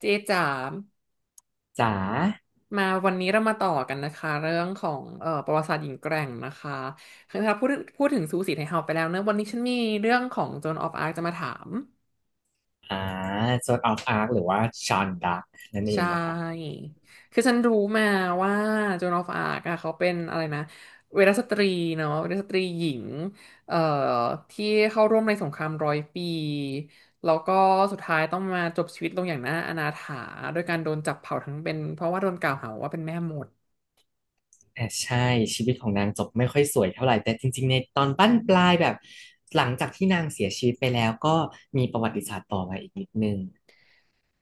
เจจ๋าจ๋ามาวันนี้เรามาต่อกันนะคะเรื่องของประวัติศาสตร์หญิงแกร่งนะคะคือถ้าพูดถึงซูสีไทยเฮาไปแล้วเนอะวันนี้ฉันมีเรื่องของโจนออฟอาร์จะมาถามอ่าโซนออฟอาร์คหรือว่าชอนดักนั่นเอใช่งนะครับคือฉันรู้มาว่าโจนออฟอาร์อะเขาเป็นอะไรนะเวรสตรีเนาะเวรสตรีหญิงเอ่อที่เข้าร่วมในสงครามร้อยปีแล้วก็สุดท้ายต้องมาจบชีวิตลงอย่างน่าอนาถาโดยการโดนจับเผาทั้งเป็นเพราะว่าโดนกล่าวหาว่าเป็นแม่มดใช่ชีวิตของนางจบไม่ค่อยสวยเท่าไหร่แต่จริงๆในตอนบั้นปลายแบบหลังจากที่นางเสียชีวิตไปแล้วก็มีประวัติศาสตร์ต่อมาอีกนิดนึง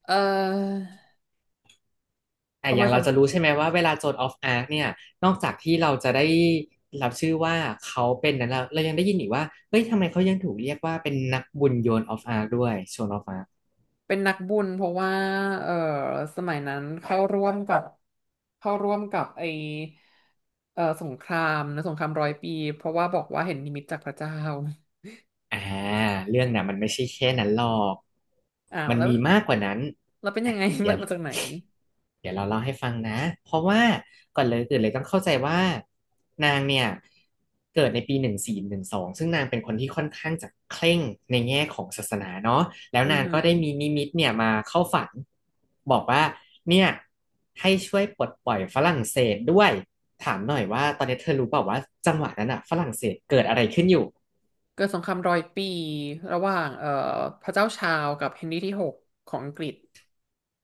เออ บอบย่างริเราษัจะทรู้ใช่ไหมว่าเวลาโซนออฟอาร์คเนี่ยนอกจากที่เราจะได้รับชื่อว่าเขาเป็นนั้นแล้วเรายังได้ยินอีกว่าเฮ้ยทำไมเขายังถูกเรียกว่าเป็นนักบุญโยนออฟอาร์คด้วยโซนออฟอาร์ค เป็นนักบุญเพราะว่าเออสมัยนั้นเข้าร่วมกับไอเออสงครามนะสงครามร้อยปีเพราะว่าบอกว่าเห็นนิมิตจากพระเจ้าอ่าเรื่องน่ะมันไม่ใช่แค่นั้นหรอกอ้าวมันแล้วมีมากกว่านั้นเราเป็นอ่ะยังไง เดี๋ยมาวมาจากไหนเดี๋ยวเราเล่าให้ฟังนะเพราะว่าก่อนเลยอื่นเลยต้องเข้าใจว่านางเนี่ยเกิดในปี1412ซึ่งนางเป็นคนที่ค่อนข้างจะเคร่งในแง่ของศาสนาเนาะแล้วอือนางหืก็อได้มีนิมิตเนี่ยมาเข้าฝันบอกว่าเนี่ยให้ช่วยปลดปล่อยฝรั่งเศสด้วยถามหน่อยว่าตอนนี้เธอรู้เปล่าว่าจังหวะนั้นอะฝรั่งเศสเกิดอะไรขึ้นอยู่ เกิดสงครามร้อยปีระหว่างพระเจ้าชาวกับเฮนรี่ที่หกของอังกฤษ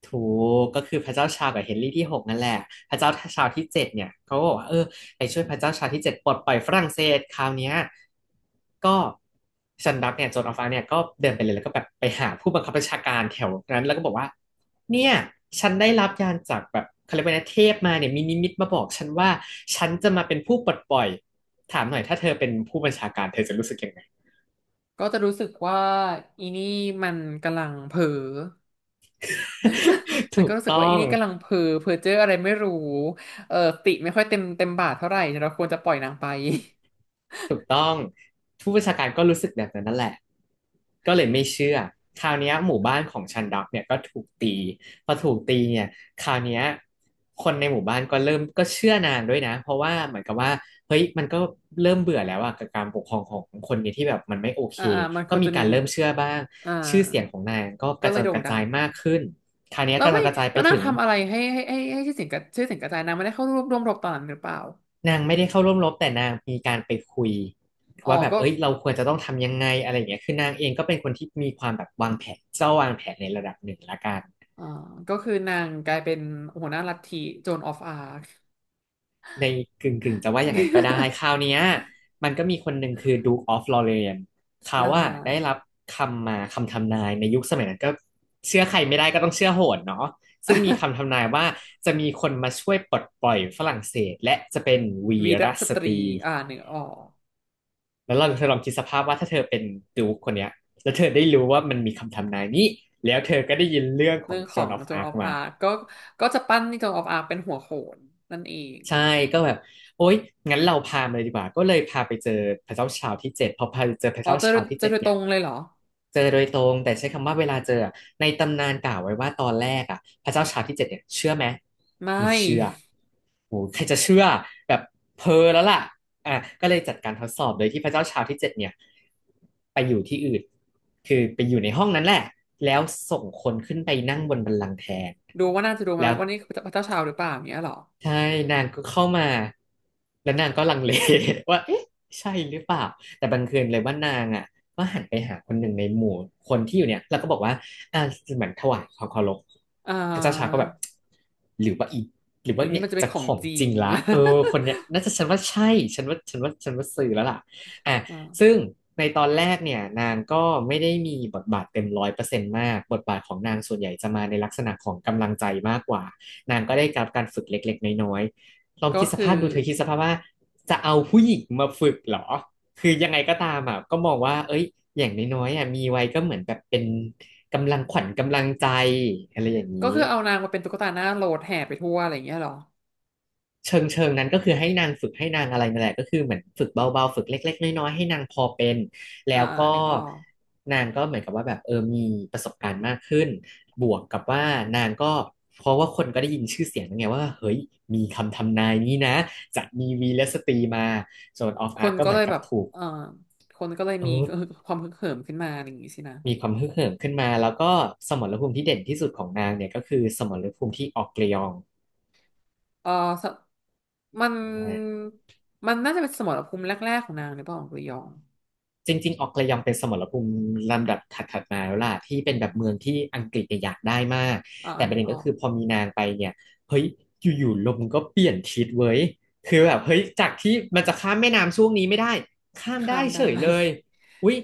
ถูกก็คือพระเจ้าชากับเฮนรี่ที่หกนั่นแหละพระเจ้าชาที่เจ็ดเนี่ยเขาก็บอกว่าเออไปช่วยพระเจ้าชาที่เจ็ดปลดปล่อยฝรั่งเศสคราวเนี้ยก็ซันดักเนี่ยโจนออฟฟ้าเนี่ยก็เดินไปเลยแล้วก็แบบไปหาผู้บังคับบัญชาการแถวนั้นแล้วก็บอกว่าเนี่ยฉันได้รับยานจากแบบเขาเรียกว่านะเทพมาเนี่ยมีนิมิตมาบอกฉันว่าฉันจะมาเป็นผู้ปลดปล่อยถามหน่อยถ้าเธอเป็นผู้บัญชาการเธอจะรู้สึกยังไง ก็จะรู้สึกว่าอีนี่มันกำลังเผลอ ฉันถูก็กรู้สึกต้ว่าออีง นี่กำลังเพ้อเจ้ออะไรไม่รู้เออติไม่ค่อยเต็มบาทเท่าไหร่เราควรจะปล่อยนางไปถูกต้องผู้บัญชาการก็รู้สึกแบบนั้นนั่นแหละก็เลยไม่เชื่อคราวเนี้ยหมู่บ้านของชันดักเนี่ยก็ถูกตีพอถูกตีเนี่ยคราวเนี้ยคนในหมู่บ้านก็เริ่มก็เชื่อนานด้วยนะเพราะว่าเหมือนกับว่าเฮ้ยมันก็เริ่มเบื่อแล้วอะกับการปกครองของคนนี้ที่แบบมันไม่โอเคอ่ามันคก็วรมีจะมีการเริ่มเชื่อบ้างอ่าชื่อเสียงของนางก็กก็ระเลจอยนโด่กงระดัจางยมากขึ้นคราวเนี้ยแล้กวระจอไม่นกระจายแล้ไปวนางถึง ทำอะไรให้ชื่อเสียงกระชื่อเสียงกระจายนางไม่ได้เข้าร่วมรบตอนนั้นหรือเปล่านางไม่ได้เข้าร่วมรบแต่นางมีการไปคุยอ๋อว่าแบบก็เอ้ยเราควรจะต้องทำยังไงอะไรอย่างเงี้ยคือนางเองก็เป็นคนที่มีความแบบวางแผนเจ้าวางแผนในระดับหนึ่งละกันอ่าก็คือนางกลายเป็นหัวหน้าลัทธิโจนออฟอาร์ค ในกึ่งกึ่งจะว่าอย่างนั้นก็ได้คราว เนี้ยมันก็มีคนหนึ่งคือ Duke of Lorraine เขาอ่าว่าฮะได้รับคำทำนายในยุคสมัยนั้นก็เชื่อใครไม่ได้ก็ต้องเชื่อโหนเนาะซึ่งมีคำทำนายว่าจะมีคนมาช่วยปลดปล่อยฝรั่งเศสและจะเป็นวีวีรรสสตตรีรี อ่าหนึ่งออกแล้วเราเธอลองคิดสภาพว่าถ้าเธอเป็นดูคคนเนี้ยแล้วเธอได้รู้ว่ามันมีคำทำนายนี้แล้วเธอก็ได้ยินเรื่องขอเรื่ง องขอ Joan ง of โจนอ Arc อฟอามา ร์คก็ก็จะปั้นโจนออฟอาร์คเป็นหัวโขนนั่นเอง ใช่ก็แบบโอ๊ยงั้นเราพามาเลยดีกว่าก็เลยพาไปเจอพระเจ้าชาวที่เจ็ดพอพาไปเจอพระอ๋อเจ้าเจอชาวที่เจอเจ็ดโดยตเนี่รยงเลยเหรอเจอโดยตรงแต่ใช้คำว่าเวลาเจออะในตำนานกล่าวไว้ว่าตอนแรกพระเจ้าชาวที่เจ็ดเนี่ยเชื่อไหมไม่ไมีเชื่อโอ้ใครจะเชื่อแบบเพอแล้วล่ะอ่ะก็เลยจัดการทดสอบโดยที่พระเจ้าชาวที่เจ็ดเนี่ยไปอยู่ที่อื่นคือไปอยู่ในห้องนั้นแหละแล้วส่งคนขึ้นไปนั่งบนบัลลังก์แทนดูว่าน่าจะดูไหมแล้ว วันนี้พระเจ้าชาวหรือเปล่าอย่างเงี้ยเหรอใช่นางก็เข้ามาแล้วนางก็ลังเล ว่าเอ๊ะใช่หรือเปล่าแต่บังเอิญเลยว่านางอ่ะก็หันไปหาคนหนึ่งในหมู่คนที่อยู่เนี่ยแล้วก็บอกว่าอ่าเหมือนถวายความเคารพอ่พระเจ้าชายก็าแบบหรือว่าอีหรืออว่าย่างนี้เนี่ยมันจะเป็นจะขอขงองจริจริง งละเออคนเนี้ยน่าจะฉันว่าใช่ฉันว่าซื้อแล้วล่ะอ่ะ อ่าซึ่งในตอนแรกเนี่ยนางก็ไม่ได้มีบทบาทเต็ม100%มากบทบาทของนางส่วนใหญ่จะมาในลักษณะของกำลังใจมากกว่า นางก็ได้รับการฝึกเล็กๆน้อยๆลองก็คิดสคืภาอพดูเธอคิดสภาพว่าจะเอาผู้หญิงมาฝึกเหรอ คือยังไงก็ตามอ่ะก็มองว่าเอ้ยอย่างน้อยๆอ่ะมีไว้ก็เหมือนแบบเป็นกำลังขวัญกำลังใจอะไรอย่างก็นี้ คือเอานางมาเป็นตุ๊กตาหน้าโหลดแห่ไปทั่วอะไรอย่างเงี้ยเหรอเชิงเชิงนั้นก็คือให้นางฝึกให้นางอะไรนั่นแหละก็คือเหมือนฝึกเบาๆฝึกเล็กๆน้อยๆให้นางพอเป็นแล้อ่าวก็อันนึกออกนางก็เหมือนกับว่าแบบมีประสบการณ์มากขึ้นบวกกับว่านางก็เพราะว่าคนก็ได้ยินชื่อเสียงแั้ไงว่าเฮ้ยมีคำทำนายนี้นะจะมีวีรสตรีมาโซนออฟคอานร์ก็ก็เหมืเลอนยกัแบบบถูกเอ่อคนก็เลยเอมีอความฮึกเหิมขึ้นมาอะไรอย่างงี้สินะมีความฮึกเหิมขึ้นมาแล้วก็สมรภูมิที่เด่นที่สุดของนางเนี่ยก็คือสมรภูมิที่ออกเกลียงเออสมันอ มันน่าจะเป็นสมรภูมิแรกๆของนางหรือเปล่าของกุยองจริงๆออกระยองเป็นสมรภูมิลำดับถัดๆมาแล้วล่ะที่เป็อืนแบบเมืองมที่อังกฤษเนี่ยอยากได้มากอ่าอัแต่นปนึระกเด็นอก็อกคือพอมีนางไปเนี่ยเฮ้ยอยู่ๆลมก็เปลี่ยนทิศเว้ยคือแบบเฮ้ยจากที่มันจะข้ามแม่น้ำช่วงนี้ไม่ได้ข้ามข้าได้มได้ เฉยเลย อุ๊ย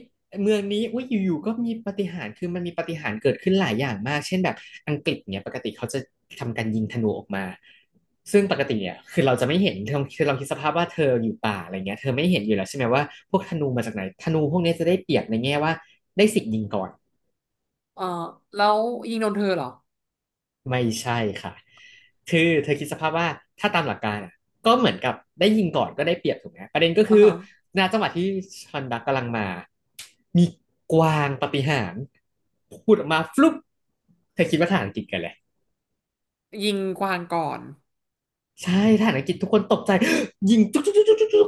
เมืองนี้อุ๊ยอยู่ๆก็มีปาฏิหาริย์คือมันมีปาฏิหาริย์เกิดขึ้นหลายอย่างมากเช่นแบบอังกฤษเนี่ยปกติเขาจะทำการยิงธนูออกมาซึ่งปกติเนี่ยคือเราจะไม่เห็นคือเราคิดสภาพว่าเธออยู่ป่าอะไรเงี้ยเธอไม่เห็นอยู่แล้วใช่ไหมว่าพวกธนูมาจากไหนธนูพวกเนี้ยจะได้เปรียบในแง่ว่าได้สิทธิ์ยิงก่อน เออแล้วยิงโดนเธอเหรอไม่ใช่ค่ะ คือเธอคิดสภาพว่าถ้าตามหลักการอะก็เหมือนกับได้ยิงก่อนก็ได้เปรียบถูกไหมประเด็นก็อ่าคือฮะณจังหวะที่ชอนดักกำลังมามีกวางปาฏิหาริย์พูดออกมาฟลุ๊ปเธอคิดว่าทหารอังกฤษกันเลยยิงกวางก่อน ใช่ทหารอังกฤษทุกคนตกใจ ยิงจุ๊กจุ๊กจุ๊กจุ๊กจุ๊ก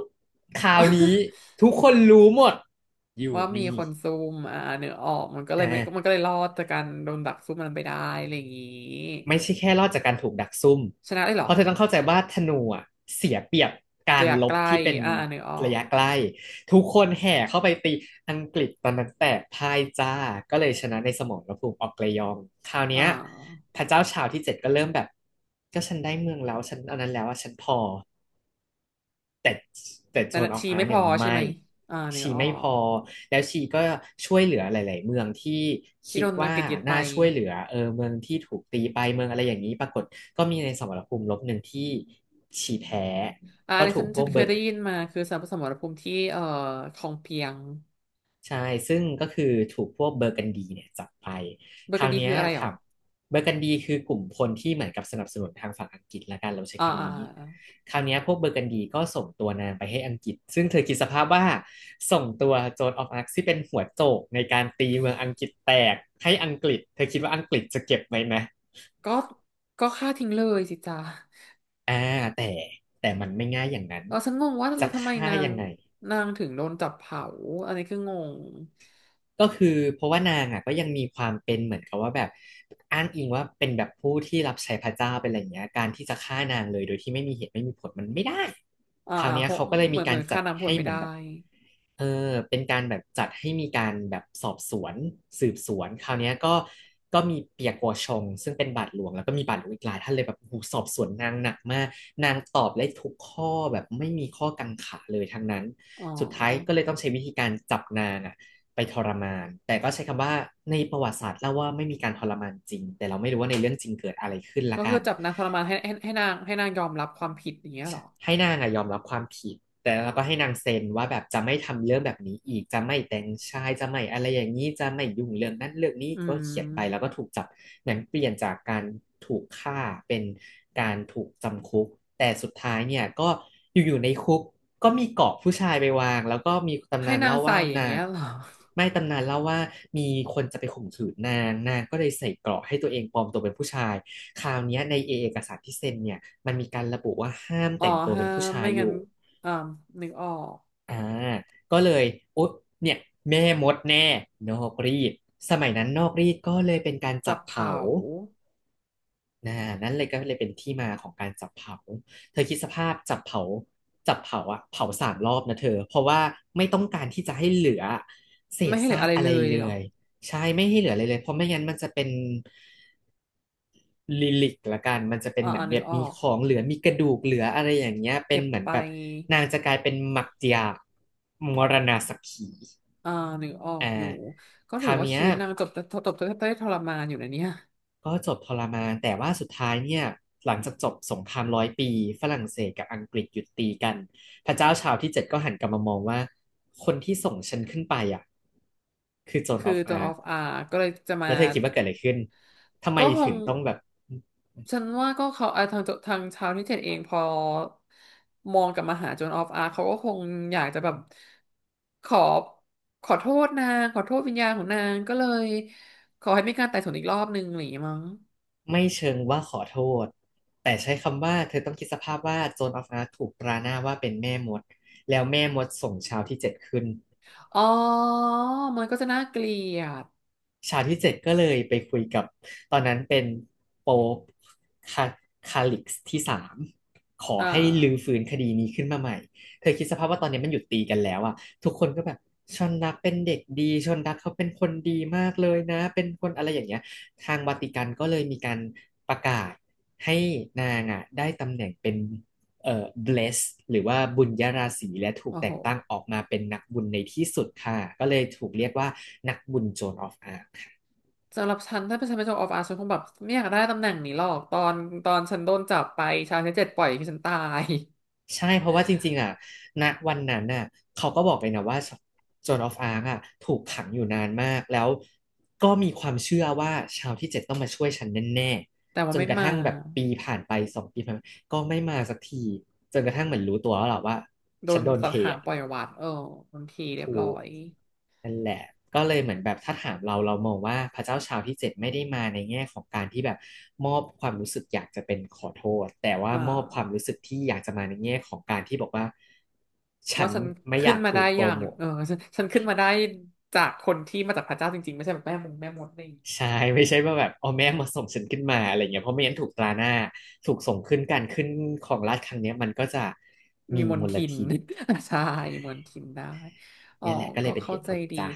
ข่าวนี้ทุกคนรู้หมดอ ยู่ว่ามีนี่คนซุ่มอ่าเนื้อออกมันก็เลยไม่มันอ่า ก็เลยรอดจากการโดนดักซุ่มมันไปได้อะไรอย่างงี้ไม่ใช่แค่รอดจากการถูกดักซุ่ม ชนะได้เหรเพอราะเธอต้องเข้าใจว่าธนูอะเสียเปรียบการะรยะลไกบลที่เป็นอ่าเนื้อออระกยะใกล้ทุกคนแห่เข้าไปตีอังกฤษตอนนั้นแตกพ่ายจ้าก็เลยชนะในสมรภูมิออกเกรยองคราวอ่เนี้ยาพระเจ้าชาวที่เจ็ดก็เริ่มแบบก็ฉันได้เมืองแล้วฉันอันนั้นแล้วอะฉันพอ แต่แต่แต่โซนนะออฟชีอาไม่ร์พเนี่อยใช่ไหไม่มอ่าเนื้อชีออไม่พกอแล้วชีก็ช่วยเหลือหลายๆเมืองที่ที่คิโดดนอังว่ากฤษยึดไปน่าช่วยเหลือเมืองที่ถูกตีไปเมืองอะไรอย่างนี้ปรากฏก็มีในสมรภูมิรบหนึ่งที่ชีแพ้อ่าอัก็นนี้ถูฉักนพฉัวนกเคเบอยร์ ได้ยินมาคือสมรภูมิที่คลองเปียงใช่ซึ่งก็คือถูกพวกเบอร์กันดีเนี่ยจับไป เบอคร์กัรานวดีเนี้คืยออะไรเหรอถามเบอร์กันดีคือกลุ่มคนที่เหมือนกับสนับสนุนทางฝั่งอังกฤษละกันเราใช้อ่าอ่าคำนี้อ่าคราวเนี้ยพวกเบอร์กันดีก็ส่งตัวนางไปให้อังกฤษซึ่งเธอคิดสภาพว่าส่งตัวโจนออฟอาร์คที่เป็นหัวโจกในการตีเมืองอังกฤษแตกให้อังกฤษเธอคิดว่าอังกฤษจะเก็บไหมนะก็ก็ฆ่าทิ้งเลยสิจ้า อ่าแต่แต่มันไม่ง่ายอย่างนั้นเราฉันงงว่าจะแล้วทำไมฆ่านางยังไง นางถึงโดนจับเผาอันนี้คืองงก็คือเพราะว่านางอ่ะก็ยังมีความเป็นเหมือนกับว่าแบบอ้างอิงว่าเป็นแบบผู้ที่รับใช้พระเจ้าเป็นอะไรอย่างเงี้ยการที่จะฆ่านางเลยโดยที่ไม่มีเหตุไม่มีผลมันไม่ได้อ่าคราวเนี้เพยราะเขาก็เลยเหมีมือนเหกามืรอนจัฆ่าดนางผลให้ไม่เหมือได้นแบบเออเป็นการแบบจัดให้มีการแบบสอบสวนสืบสวนคราวเนี้ยก็มีเปียกัวชงซึ่งเป็นบาทหลวงแล้วก็มีบาทหลวงอีกหลายท่านเลยแบบโอ้โหสอบสวนนางหนักมากนางตอบได้ทุกข้อแบบไม่มีข้อกังขาเลยทั้งนั้นอ๋อสุดท้ายก็เลยต้องใช้วิธีการจับนางอ่ะ ไปทรมาน แต่ก็ใช้คำว่าในประวัติศาสตร์เล่าว่าไม่มีการทรมานจริง แต่เราไม่รู้ว่าในเรื่องจริงเกิดอะไรขึ้นก็ละคืกัอน จับนางทรมานให้นางยอมรับความผิดอย่างเงี้ยเหรอให้นางอะยอมรับความผิดแต่แล้วก็ให้นางเซ็นว่าแบบจะไม่ทำเรื่องแบบนี้อีกจะไม่แต่งชายจะไม่อะไรอย่างนี้จะไม่ยุ่งเรื่องนั้นเรื่องนี้อืก็เขียนไปแล้วมก็ถูกจับหนังเปลี่ยนจากการถูกฆ่าเป็นการถูกจำคุกแต่สุดท้ายเนี่ยก็อยู่ๆในคุกก็มีเกาะผู้ชายไปวางแล้วก็มีตำให้นานนางเล่าใส่ว่าอย่างนาเงี้งยเหรอไม่ตำนานเล่าว่ามีคนจะไปข่มขืนนางนางก็เลยใส่เกราะให้ตัวเองปลอมตัวเป็นผู้ชาย คราวเนี้ยในเอกสารที่เซ็นเนี่ยมันมีการระบุว่าห้ามอ๋อแต่งตัวฮะเป็นผู้ชาไม่ยองั้นยู่อ่านึกออกอ่าก็เลยโอ๊ยเนี่ยแม่มดแน่นอกรีดสมัยนั้นนอกรีดก็เลยเป็นการจัจับบเผเผาานะนั่นเลยก็เลยเป็นที่มาของการจับเผาเธอคิดสภาพจับเผาจับเผาอะเผา3 รอบนะเธอเพราะว่าไม่ต้องการที่จะให้เหลือเศไม่ษให้เหลือซาอะกไรอะเลไรยเลเหรอยใช่ไม่ให้เหลืออะไรเลยเพราะไม่งั้นมันจะเป็น ลิลิกละกันมันจะเป็นอ่าเหมืออ่านนึแบกบออมีกของเหลือมีกระดูกเหลืออะไรอย่างเงี้ยเป็นเก็บเหมือนไปแบบนางจะกลายเป็นหมักเจียกหมักผีอ่านึกออกอ่าอยู่ก็คถือราวว่าเนี้ยชีวิตนางจบได้ทรมานอยู่นะเนี่ย ก็จบทรมานแต่ว่าสุดท้ายเนี่ยหลังจากจบสงครามร้อยปีฝรั่งเศสกับอังกฤษหยุดตีกันพระเจ้าชาวที่เจ็ดก็หันกลับมามองว่าคนที่ส่งฉันขึ้นไปอ่ะคือโจนคือออฟตอนอาอร์อฟอาร์ก็เลยจะมาแล้วเธอคิดว่าเกิดอะไรขึ้นทำไมก็คงถึงต้องแบบ ฉันว่าก็เขาอ่ะทางชาวนิเทศเองพอมองกลับมาหาโจนออฟอาร์เขาก็คงอยากจะแบบขอขอโทษนางขอโทษวิญญาณของนางก็เลยขอให้มีการไต่สวนอีกรอบนึงหรืออย่างงี้มั้งไม่เชิงว่าขอโทษแต่ใช้คำว่าเธอต้องคิดสภาพว่าโจนออฟอาร์คถูกประณามว่าเป็นแม่มดแล้วแม่มดส่งชาวที่เจ็ดขึ้น อ๋อมันก็จะน่าเกลียดฉากที่ 7ก็เลยไปคุยกับตอนนั้นเป็นโป๊ปคาคาลิกส์ที่ 3ขออ่ให้ลื้อาฟื้นคดีนี้ขึ้นมาใหม่ เธอคิดสภาพว่าตอนนี้มันหยุดตีกันแล้วอ่ะทุกคนก็แบบชนรักเป็นเด็กดีชนรักเขาเป็นคนดีมากเลยนะเป็นคนอะไรอย่างเงี้ยทางวาติกันก็เลยมีการประกาศให้นางอ่ะได้ตำแหน่งเป็นblessed หรือว่าบุญยราศีและถูกโอ้โหแต่งตั้งออกมาเป็นนักบุญในที่สุดค่ะก็เลยถูกเรียกว่านักบุญโจ a of Arc สำหรับฉันถ้าเป็นฉันเป็นโจนออฟอาร์ฉันคงแบบไม่อยากได้ตำแหน่งนี้หรอกตอนฉันโดนจับไปชาวนิเทศปล่อยให้ฉันตาย ใช่เพราะว่าจริงๆอ่ะณวันนั้นน่ะเขาก็บอกเลยนะว่าโจนออฟอาร์กอ่ะถูกขังอยู่นานมากแล้วก็มีความเชื่อว่าชาวที่เจ็ดต้องมาช่วยฉันแน่แต่ๆว่าจนไม่กระมาทั่งแบบปีผ่านไป2 ปีผ่านไปก็ไม่มาสักทีจนกระทั่งเหมือนรู้ตัวแล้วแหรอว่าโดฉันนโดนตัเทดหางอ่ะ ปล่อยวัดเออบางทีเรียบร้อยนั่นแหละก็เลยเหมือนแบบถ้าถามเราเรามองว่าพระเจ้าชาวที่เจ็ดไม่ได้มาในแง่ของการที่แบบมอบความรู้สึกอยากจะเป็นขอโทษแต่ว่าอ่ามอบความรู้สึกที่อยากจะมาในแง่ของการที่บอกว่าฉัว่านฉันไม่อขึ้นยากมาถูได้กโปอรย่างโมทเออฉันขึ้นมาได้จากคนที่มาจากพระเจ้าจริงๆไม่ใช่แบบแม่มงแม่มดนี่ใช่ไม่ใช่ว่าแบบอ๋อแม่มาส่งฉันขึ้นมาอะไรเงี้ยเพราะไม่งั้นถูกตราหน้าถูกส่งขึ้นการขึ้นของราชย์ครั้งเนี้ยมันก็จะมีมีมมนลทิน ทิน ใช่มนทินได้อ๋อเนี่แหละก็เลก็ยเป็นเหเข้าตุใจผลดีจ้ะ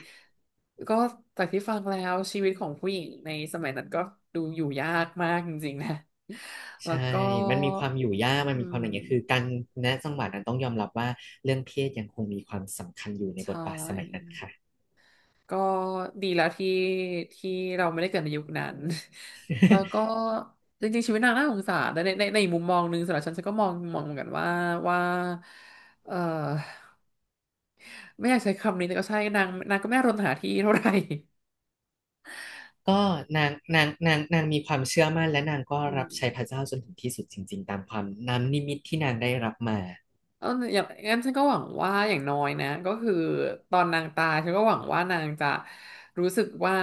ก็จากที่ฟังแล้วชีวิตของผู้หญิงในสมัยนั้นก็ดูอยู่ยากมากจริงๆนะแล้วใช่ก็มันมีความอยู่ยากมันอืมีความอะไรเงี้ยคือมการณจังหวะนั้นต้องยอมรับว่าเรื่องเพศยังคงมีความสำคัญอยู่ในบทใช่ บาทสมัยนั้นค่ะ ก็ดีแล้วที่เราไม่ได้เกิดในยุคนั้น แล้วก็ จริงๆชีวิตนางน่าสงสารแต่ในอีกมุมมองหนึ่งสำหรับฉันฉันก็มองเหมือนกันว่าว่าเออไม่อยากใช้คำนี้แต่ก็ใช่นางก็ไม่รนหาที่เท่าไหร่ก็นางมีความเชื่อมั่นและนางก็อืรัมบใช้พระเจ้าจนถึงที่สุดจริงๆตามความน้ำนิมิตที่นางได้รับมาเอออย่างงั้นฉันก็หวังว่าอย่างน้อยนะก็คือตอนนางตายฉันก็หวังว่านางจะรู้สึกว่า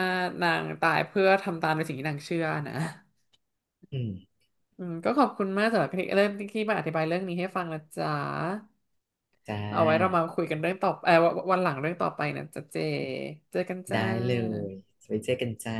นางตายเพื่อทำตามในสิ่งที่นางเชื่อนะอืมอืมก็ขอบคุณมากสำหรับที่เริ่มที่มาอธิบายเรื่องนี้ให้ฟังนะจ๊ะ จ้เอาไว้เรามาาคุยกันเรื่องต่อเออวันหลังเรื่องต่อไปนะจ๊ะเจเจอกันจ้าได้เลยไว้เจอกันจ้า